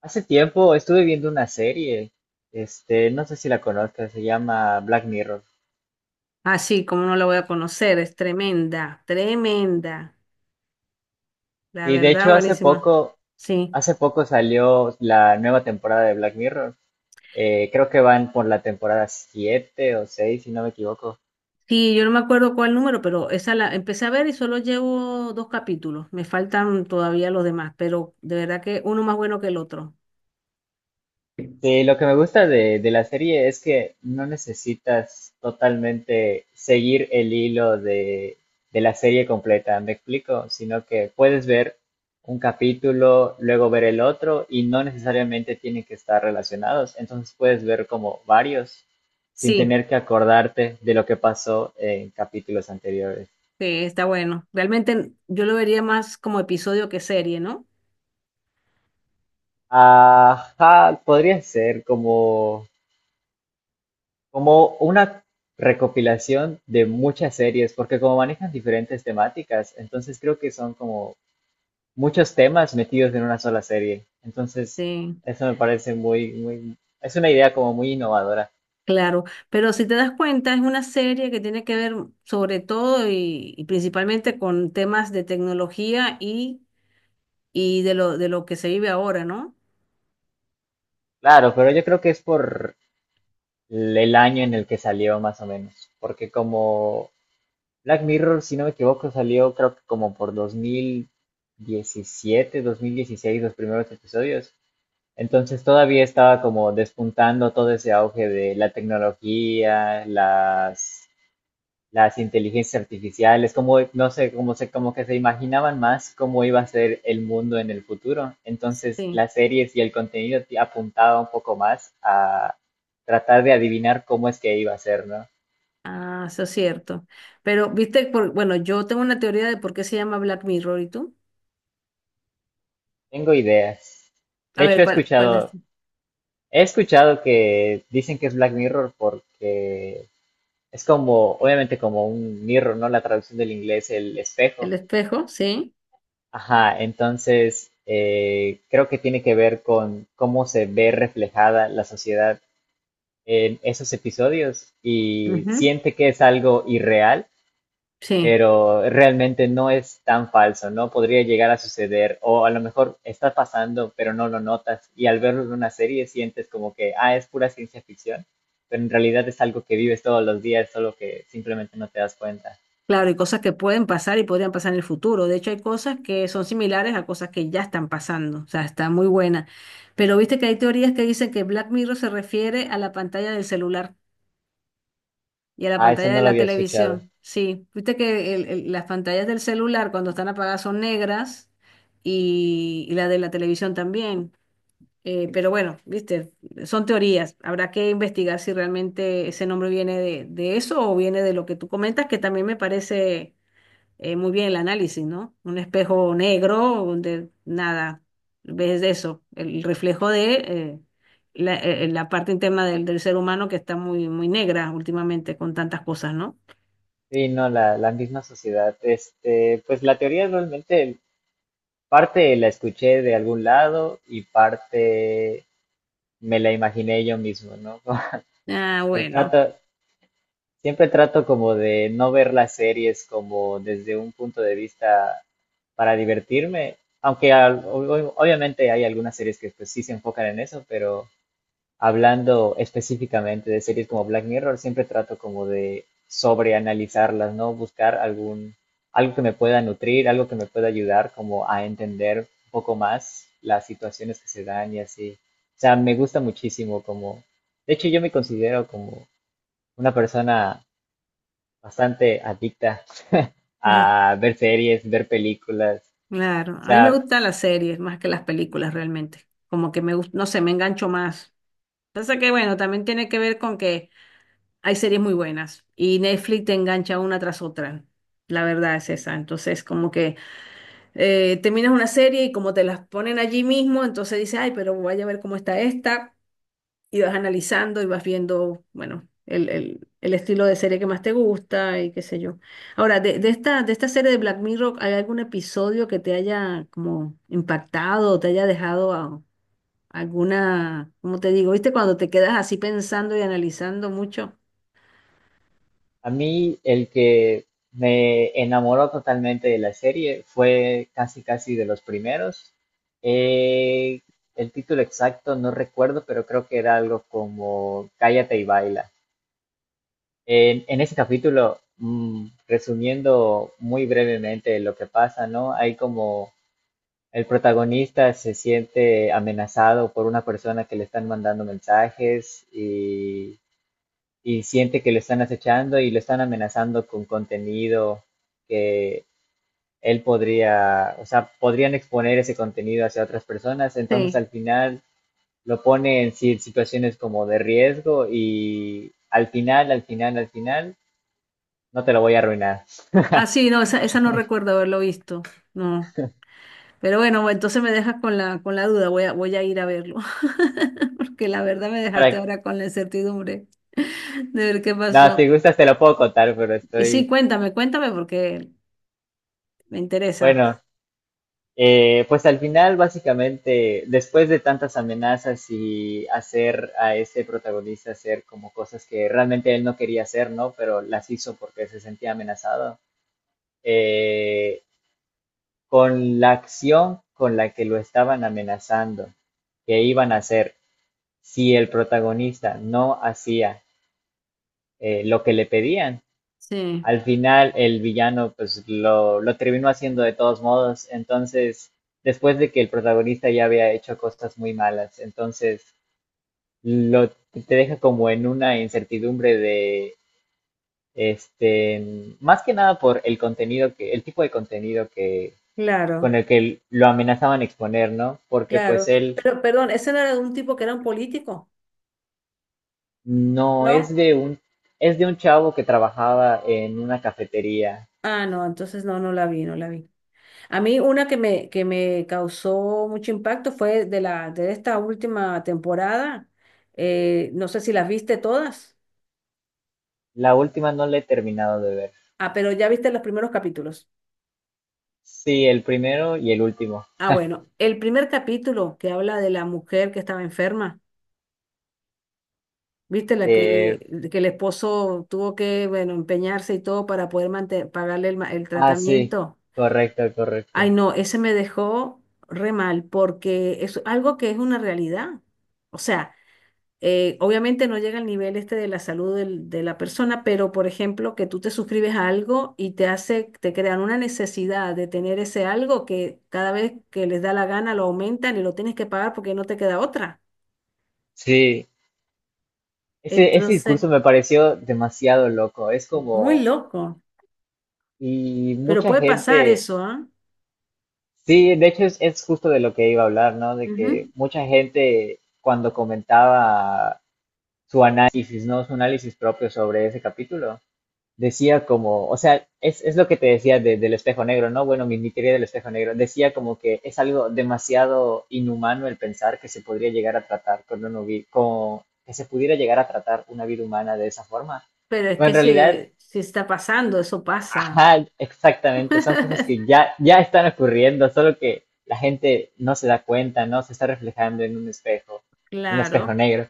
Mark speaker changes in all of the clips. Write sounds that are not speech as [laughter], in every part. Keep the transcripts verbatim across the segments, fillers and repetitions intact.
Speaker 1: Hace tiempo estuve viendo una serie, este, no sé si la conozcas, se llama Black Mirror.
Speaker 2: Ah, sí, cómo no la voy a conocer, es tremenda, tremenda, la
Speaker 1: Y de
Speaker 2: verdad,
Speaker 1: hecho hace
Speaker 2: buenísima.
Speaker 1: poco,
Speaker 2: Sí,
Speaker 1: hace poco salió la nueva temporada de Black Mirror. Eh, creo que van por la temporada siete o seis, si no me equivoco.
Speaker 2: sí, yo no me acuerdo cuál número, pero esa la empecé a ver y solo llevo dos capítulos, me faltan todavía los demás, pero de verdad que uno más bueno que el otro.
Speaker 1: Sí, lo que me gusta de, de la serie es que no necesitas totalmente seguir el hilo de, de la serie completa, ¿me explico? Sino que puedes ver un capítulo, luego ver el otro y no necesariamente tienen que estar relacionados. Entonces puedes ver como varios sin
Speaker 2: Sí,
Speaker 1: tener que acordarte de lo que pasó en capítulos anteriores.
Speaker 2: sí, está bueno. Realmente yo lo vería más como episodio que serie, ¿no?
Speaker 1: Ajá, podría ser como como una recopilación de muchas series, porque como manejan diferentes temáticas, entonces creo que son como muchos temas metidos en una sola serie. Entonces,
Speaker 2: Sí,
Speaker 1: eso me parece muy, muy, es una idea como muy innovadora.
Speaker 2: claro, pero si te das cuenta, es una serie que tiene que ver sobre todo y, y principalmente con temas de tecnología y y de lo, de lo que se vive ahora, ¿no?
Speaker 1: Claro, pero yo creo que es por el año en el que salió más o menos, porque como Black Mirror, si no me equivoco, salió creo que como por dos dos mil diecisiete dos mil dieciséis los primeros episodios. Entonces todavía estaba como despuntando todo ese auge de la tecnología, las, las inteligencias artificiales, como, no sé, como, se, como que se imaginaban más cómo iba a ser el mundo en el futuro. Entonces
Speaker 2: Sí,
Speaker 1: las series y el contenido ti- apuntaba un poco más a tratar de adivinar cómo es que iba a ser, ¿no?
Speaker 2: ah, eso es cierto. Pero, viste, por, bueno, yo tengo una teoría de por qué se llama Black Mirror, ¿y tú?
Speaker 1: Tengo ideas.
Speaker 2: A
Speaker 1: De hecho,
Speaker 2: ver,
Speaker 1: he
Speaker 2: ¿cuál, cuál es?
Speaker 1: escuchado, he escuchado que dicen que es Black Mirror porque es como, obviamente como un mirror, ¿no? La traducción del inglés, el espejo.
Speaker 2: El espejo, sí.
Speaker 1: Ajá, entonces eh, creo que tiene que ver con cómo se ve reflejada la sociedad en esos episodios y
Speaker 2: Ujú.
Speaker 1: siente que es algo irreal,
Speaker 2: Sí,
Speaker 1: pero realmente no es tan falso, ¿no? Podría llegar a suceder o a lo mejor está pasando, pero no lo notas y al verlo en una serie sientes como que, ah, es pura ciencia ficción, pero en realidad es algo que vives todos los días, solo que simplemente no te das cuenta.
Speaker 2: claro, y cosas que pueden pasar y podrían pasar en el futuro. De hecho, hay cosas que son similares a cosas que ya están pasando, o sea, está muy buena. Pero viste que hay teorías que dicen que Black Mirror se refiere a la pantalla del celular. Y a la
Speaker 1: Ah, eso
Speaker 2: pantalla de
Speaker 1: no lo
Speaker 2: la
Speaker 1: había escuchado.
Speaker 2: televisión, sí. Viste que el- el- las pantallas del celular cuando están apagadas son negras y, y la de la televisión también. Eh, pero bueno, viste, son teorías. Habrá que investigar si realmente ese nombre viene de, de eso o viene de lo que tú comentas, que también me parece eh, muy bien el análisis, ¿no? Un espejo negro donde nada, ves eso, el reflejo de eh, la, eh, la parte interna del, del ser humano que está muy, muy negra últimamente con tantas cosas, ¿no?
Speaker 1: Sí, no, la, la misma sociedad. Este, pues la teoría realmente parte la escuché de algún lado y parte me la imaginé yo mismo, ¿no? [laughs]
Speaker 2: Ah,
Speaker 1: Pero
Speaker 2: bueno,
Speaker 1: trato, siempre trato como de no ver las series como desde un punto de vista para divertirme, aunque al- ob- ob- obviamente hay algunas series que pues sí se enfocan en eso, pero hablando específicamente de series como Black Mirror, siempre trato como de sobreanalizarlas, ¿no? Buscar algún, algo que me pueda nutrir, algo que me pueda ayudar como a entender un poco más las situaciones que se dan y así. O sea, me gusta muchísimo como, de hecho yo me considero como una persona bastante adicta [laughs]
Speaker 2: eh,
Speaker 1: a ver series, ver películas.
Speaker 2: claro.
Speaker 1: O
Speaker 2: A mí me
Speaker 1: sea,
Speaker 2: gustan las series más que las películas realmente. Como que me gusta, no sé, me engancho más. Pasa que, bueno, también tiene que ver con que hay series muy buenas y Netflix te engancha una tras otra. La verdad es esa. Entonces, como que eh, terminas una serie y como te las ponen allí mismo, entonces dices, ay, pero voy a ver cómo está esta, y vas analizando y vas viendo, bueno, el, el- el estilo de serie que más te gusta y qué sé yo. Ahora, de, de esta, de esta serie de Black Mirror, ¿hay algún episodio que te haya como impactado o te haya dejado a- alguna, ¿cómo te digo? ¿Viste cuando te quedas así pensando y analizando mucho?
Speaker 1: a mí el que me enamoró totalmente de la serie fue casi casi de los primeros. Eh, el título exacto no recuerdo, pero creo que era algo como Cállate y baila. En, en ese capítulo, mm, resumiendo muy brevemente lo que pasa, ¿no? Hay como el protagonista se siente amenazado por una persona que le están mandando mensajes y y siente que lo están acechando y lo están amenazando con contenido que él podría, o sea, podrían exponer ese contenido hacia otras personas, entonces
Speaker 2: Sí.
Speaker 1: al final lo pone en si- situaciones como de riesgo y al final, al final, al final, no te lo voy a arruinar.
Speaker 2: Ah, sí, no, esa, esa no recuerdo haberlo visto. No. Pero bueno, entonces me dejas con la, con la duda, voy a, voy a ir a verlo, [laughs] porque la verdad me dejaste
Speaker 1: Para,
Speaker 2: ahora con la incertidumbre [laughs] de ver qué
Speaker 1: no,
Speaker 2: pasó.
Speaker 1: si gustas te lo puedo contar, pero
Speaker 2: Y sí,
Speaker 1: estoy,
Speaker 2: cuéntame, cuéntame porque me interesa.
Speaker 1: bueno, Eh, pues al final, básicamente, después de tantas amenazas y hacer a este protagonista hacer como cosas que realmente él no quería hacer, ¿no? Pero las hizo porque se sentía amenazado, eh, con la acción con la que lo estaban amenazando, que iban a hacer si el protagonista no hacía eh, lo que le pedían,
Speaker 2: Sí.
Speaker 1: al final el villano pues lo, lo terminó haciendo de todos modos. Entonces, después de que el protagonista ya había hecho cosas muy malas, entonces lo, te deja como en una incertidumbre de, este, más que nada por el contenido que, el tipo de contenido que,
Speaker 2: Claro,
Speaker 1: con el que lo amenazaban exponer, ¿no? Porque pues
Speaker 2: claro.
Speaker 1: él
Speaker 2: Pero, perdón, ese no era de un tipo que era un político,
Speaker 1: no
Speaker 2: ¿no?
Speaker 1: es de un, es de un chavo que trabajaba en una cafetería.
Speaker 2: Ah, no, entonces no, no la vi, no la vi. A mí una que me, que me causó mucho impacto fue de la, de esta última temporada. Eh, no sé si las viste todas.
Speaker 1: La última no la he terminado de ver.
Speaker 2: Ah, pero ya viste los primeros capítulos.
Speaker 1: Sí, el primero y el último.
Speaker 2: Ah, bueno, el primer capítulo que habla de la mujer que estaba enferma, ¿viste? La que,
Speaker 1: De...
Speaker 2: que el esposo tuvo que, bueno, empeñarse y todo para poder mante- pagarle el, ma- el
Speaker 1: Ah, sí,
Speaker 2: tratamiento.
Speaker 1: correcto, correcto.
Speaker 2: Ay, no, ese me dejó re mal porque es algo que es una realidad. O sea, eh, obviamente no llega al nivel este de la salud del- de la persona, pero por ejemplo, que tú te suscribes a algo y te hace, te crean una necesidad de tener ese algo que cada vez que les da la gana lo aumentan y lo tienes que pagar porque no te queda otra.
Speaker 1: Sí, ese, ese
Speaker 2: Entonces,
Speaker 1: discurso me pareció demasiado loco. Es
Speaker 2: muy
Speaker 1: como,
Speaker 2: loco,
Speaker 1: y
Speaker 2: pero
Speaker 1: mucha
Speaker 2: puede pasar
Speaker 1: gente,
Speaker 2: eso, ¿ah?
Speaker 1: sí, de hecho es, es justo de lo que iba a hablar, ¿no? De que
Speaker 2: Ujú.
Speaker 1: mucha gente cuando comentaba su análisis, ¿no? Su análisis propio sobre ese capítulo, decía como, o sea, es, es lo que te decía de- del espejo negro, ¿no? Bueno, mi, mi teoría del espejo negro decía como que es algo demasiado inhumano el pensar que se podría llegar a tratar con una vi- con, que se pudiera llegar a tratar una vida humana de esa forma.
Speaker 2: Pero es
Speaker 1: Pero en
Speaker 2: que
Speaker 1: realidad,
Speaker 2: si, si está pasando, eso pasa.
Speaker 1: ajá, exactamente, son cosas
Speaker 2: [laughs]
Speaker 1: que ya, ya están ocurriendo, solo que la gente no se da cuenta, ¿no? Se está reflejando en un espejo, un espejo
Speaker 2: Claro,
Speaker 1: negro.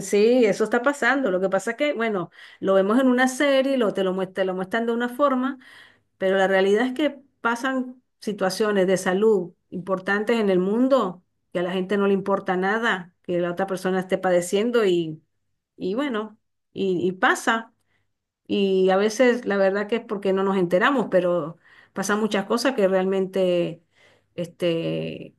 Speaker 2: sí, eso está pasando. Lo que pasa es que, bueno, lo vemos en una serie, lo, te lo, muest- te lo muestran de una forma. Pero la realidad es que pasan situaciones de salud importantes en el mundo, que a la gente no le importa nada, que la otra persona esté padeciendo y, y bueno, y, y pasa. Y a veces la verdad que es porque no nos enteramos, pero pasan muchas cosas que realmente este,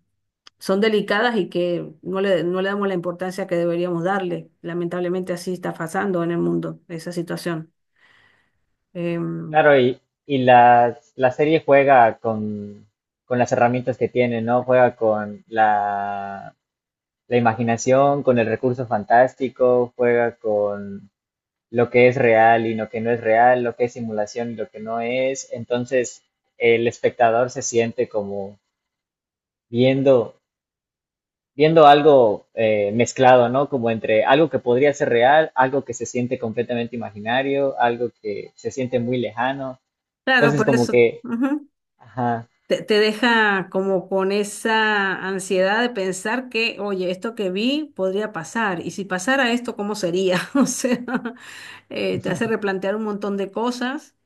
Speaker 2: son delicadas y que no le, no le damos la importancia que deberíamos darle. Lamentablemente así está pasando en el mundo esa situación. Em,
Speaker 1: Claro, y, y la, la serie juega con, con las herramientas que tiene, ¿no? Juega con la, la imaginación, con el recurso fantástico, juega con lo que es real y lo que no es real, lo que es simulación y lo que no es. Entonces, el espectador se siente como viendo, viendo algo eh, mezclado, ¿no? Como entre algo que podría ser real, algo que se siente completamente imaginario, algo que se siente muy lejano.
Speaker 2: claro,
Speaker 1: Entonces,
Speaker 2: por
Speaker 1: como
Speaker 2: eso.
Speaker 1: que,
Speaker 2: Ujú.
Speaker 1: ajá,
Speaker 2: te, te deja como con esa ansiedad de pensar que, oye, esto que vi podría pasar, y si pasara esto, ¿cómo sería? [laughs] O sea, eh, te hace replantear un montón de cosas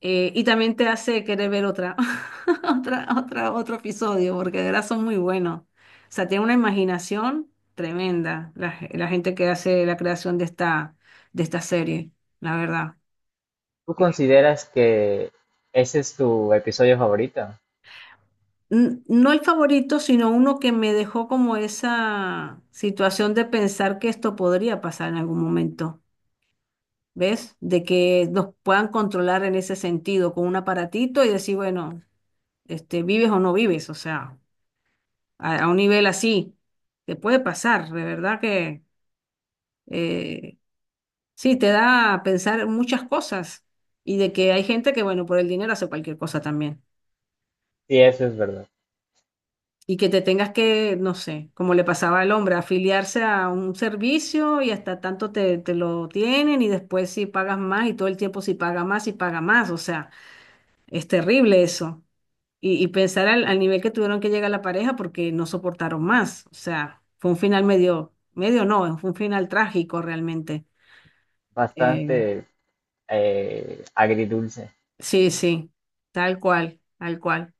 Speaker 2: eh, y también te hace querer ver otra, [laughs] otra, otra, otro episodio, porque de verdad son muy buenos. O sea, tiene una imaginación tremenda la, la gente que hace la creación de esta, de esta serie, la verdad.
Speaker 1: ¿tú consideras que ese es tu episodio favorito?
Speaker 2: N- no el favorito, sino uno que me dejó como esa situación de pensar que esto podría pasar en algún momento, ¿ves? De que nos puedan controlar en ese sentido con un aparatito y decir, bueno, este, vives o no vives, o sea, a, a un nivel así, te puede pasar, de verdad que eh, sí, te da a pensar muchas cosas y de que hay gente que, bueno, por el dinero hace cualquier cosa también.
Speaker 1: Sí, eso es verdad.
Speaker 2: Y que te tengas que, no sé, como le pasaba al hombre, afiliarse a un servicio y hasta tanto te, te lo tienen y después si pagas más y todo el tiempo si paga más y paga más. O sea, es terrible eso. Y, y pensar al, al nivel que tuvieron que llegar la pareja porque no soportaron más. O sea, fue un final medio, medio no, fue un final trágico realmente. Eh,
Speaker 1: Bastante eh, agridulce.
Speaker 2: sí, sí, tal cual, tal cual.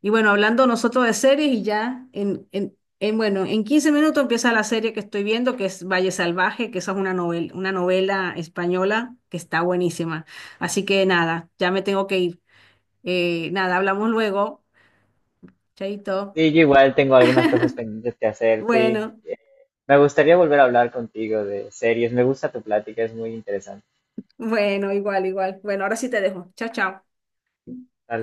Speaker 2: Y bueno, hablando nosotros de series y ya en, en, en, bueno, en quince minutos empieza la serie que estoy viendo, que es Valle Salvaje, que esa es una novela, una novela española que está buenísima. Así que nada, ya me tengo que ir. Eh, nada, hablamos luego. Chaito.
Speaker 1: Sí, yo igual tengo algunas cosas pendientes que hacer. Sí,
Speaker 2: Bueno,
Speaker 1: me gustaría volver a hablar contigo de series. Me gusta tu plática, es muy interesante.
Speaker 2: bueno, igual, igual. Bueno, ahora sí te dejo. Chao, chao.
Speaker 1: Tal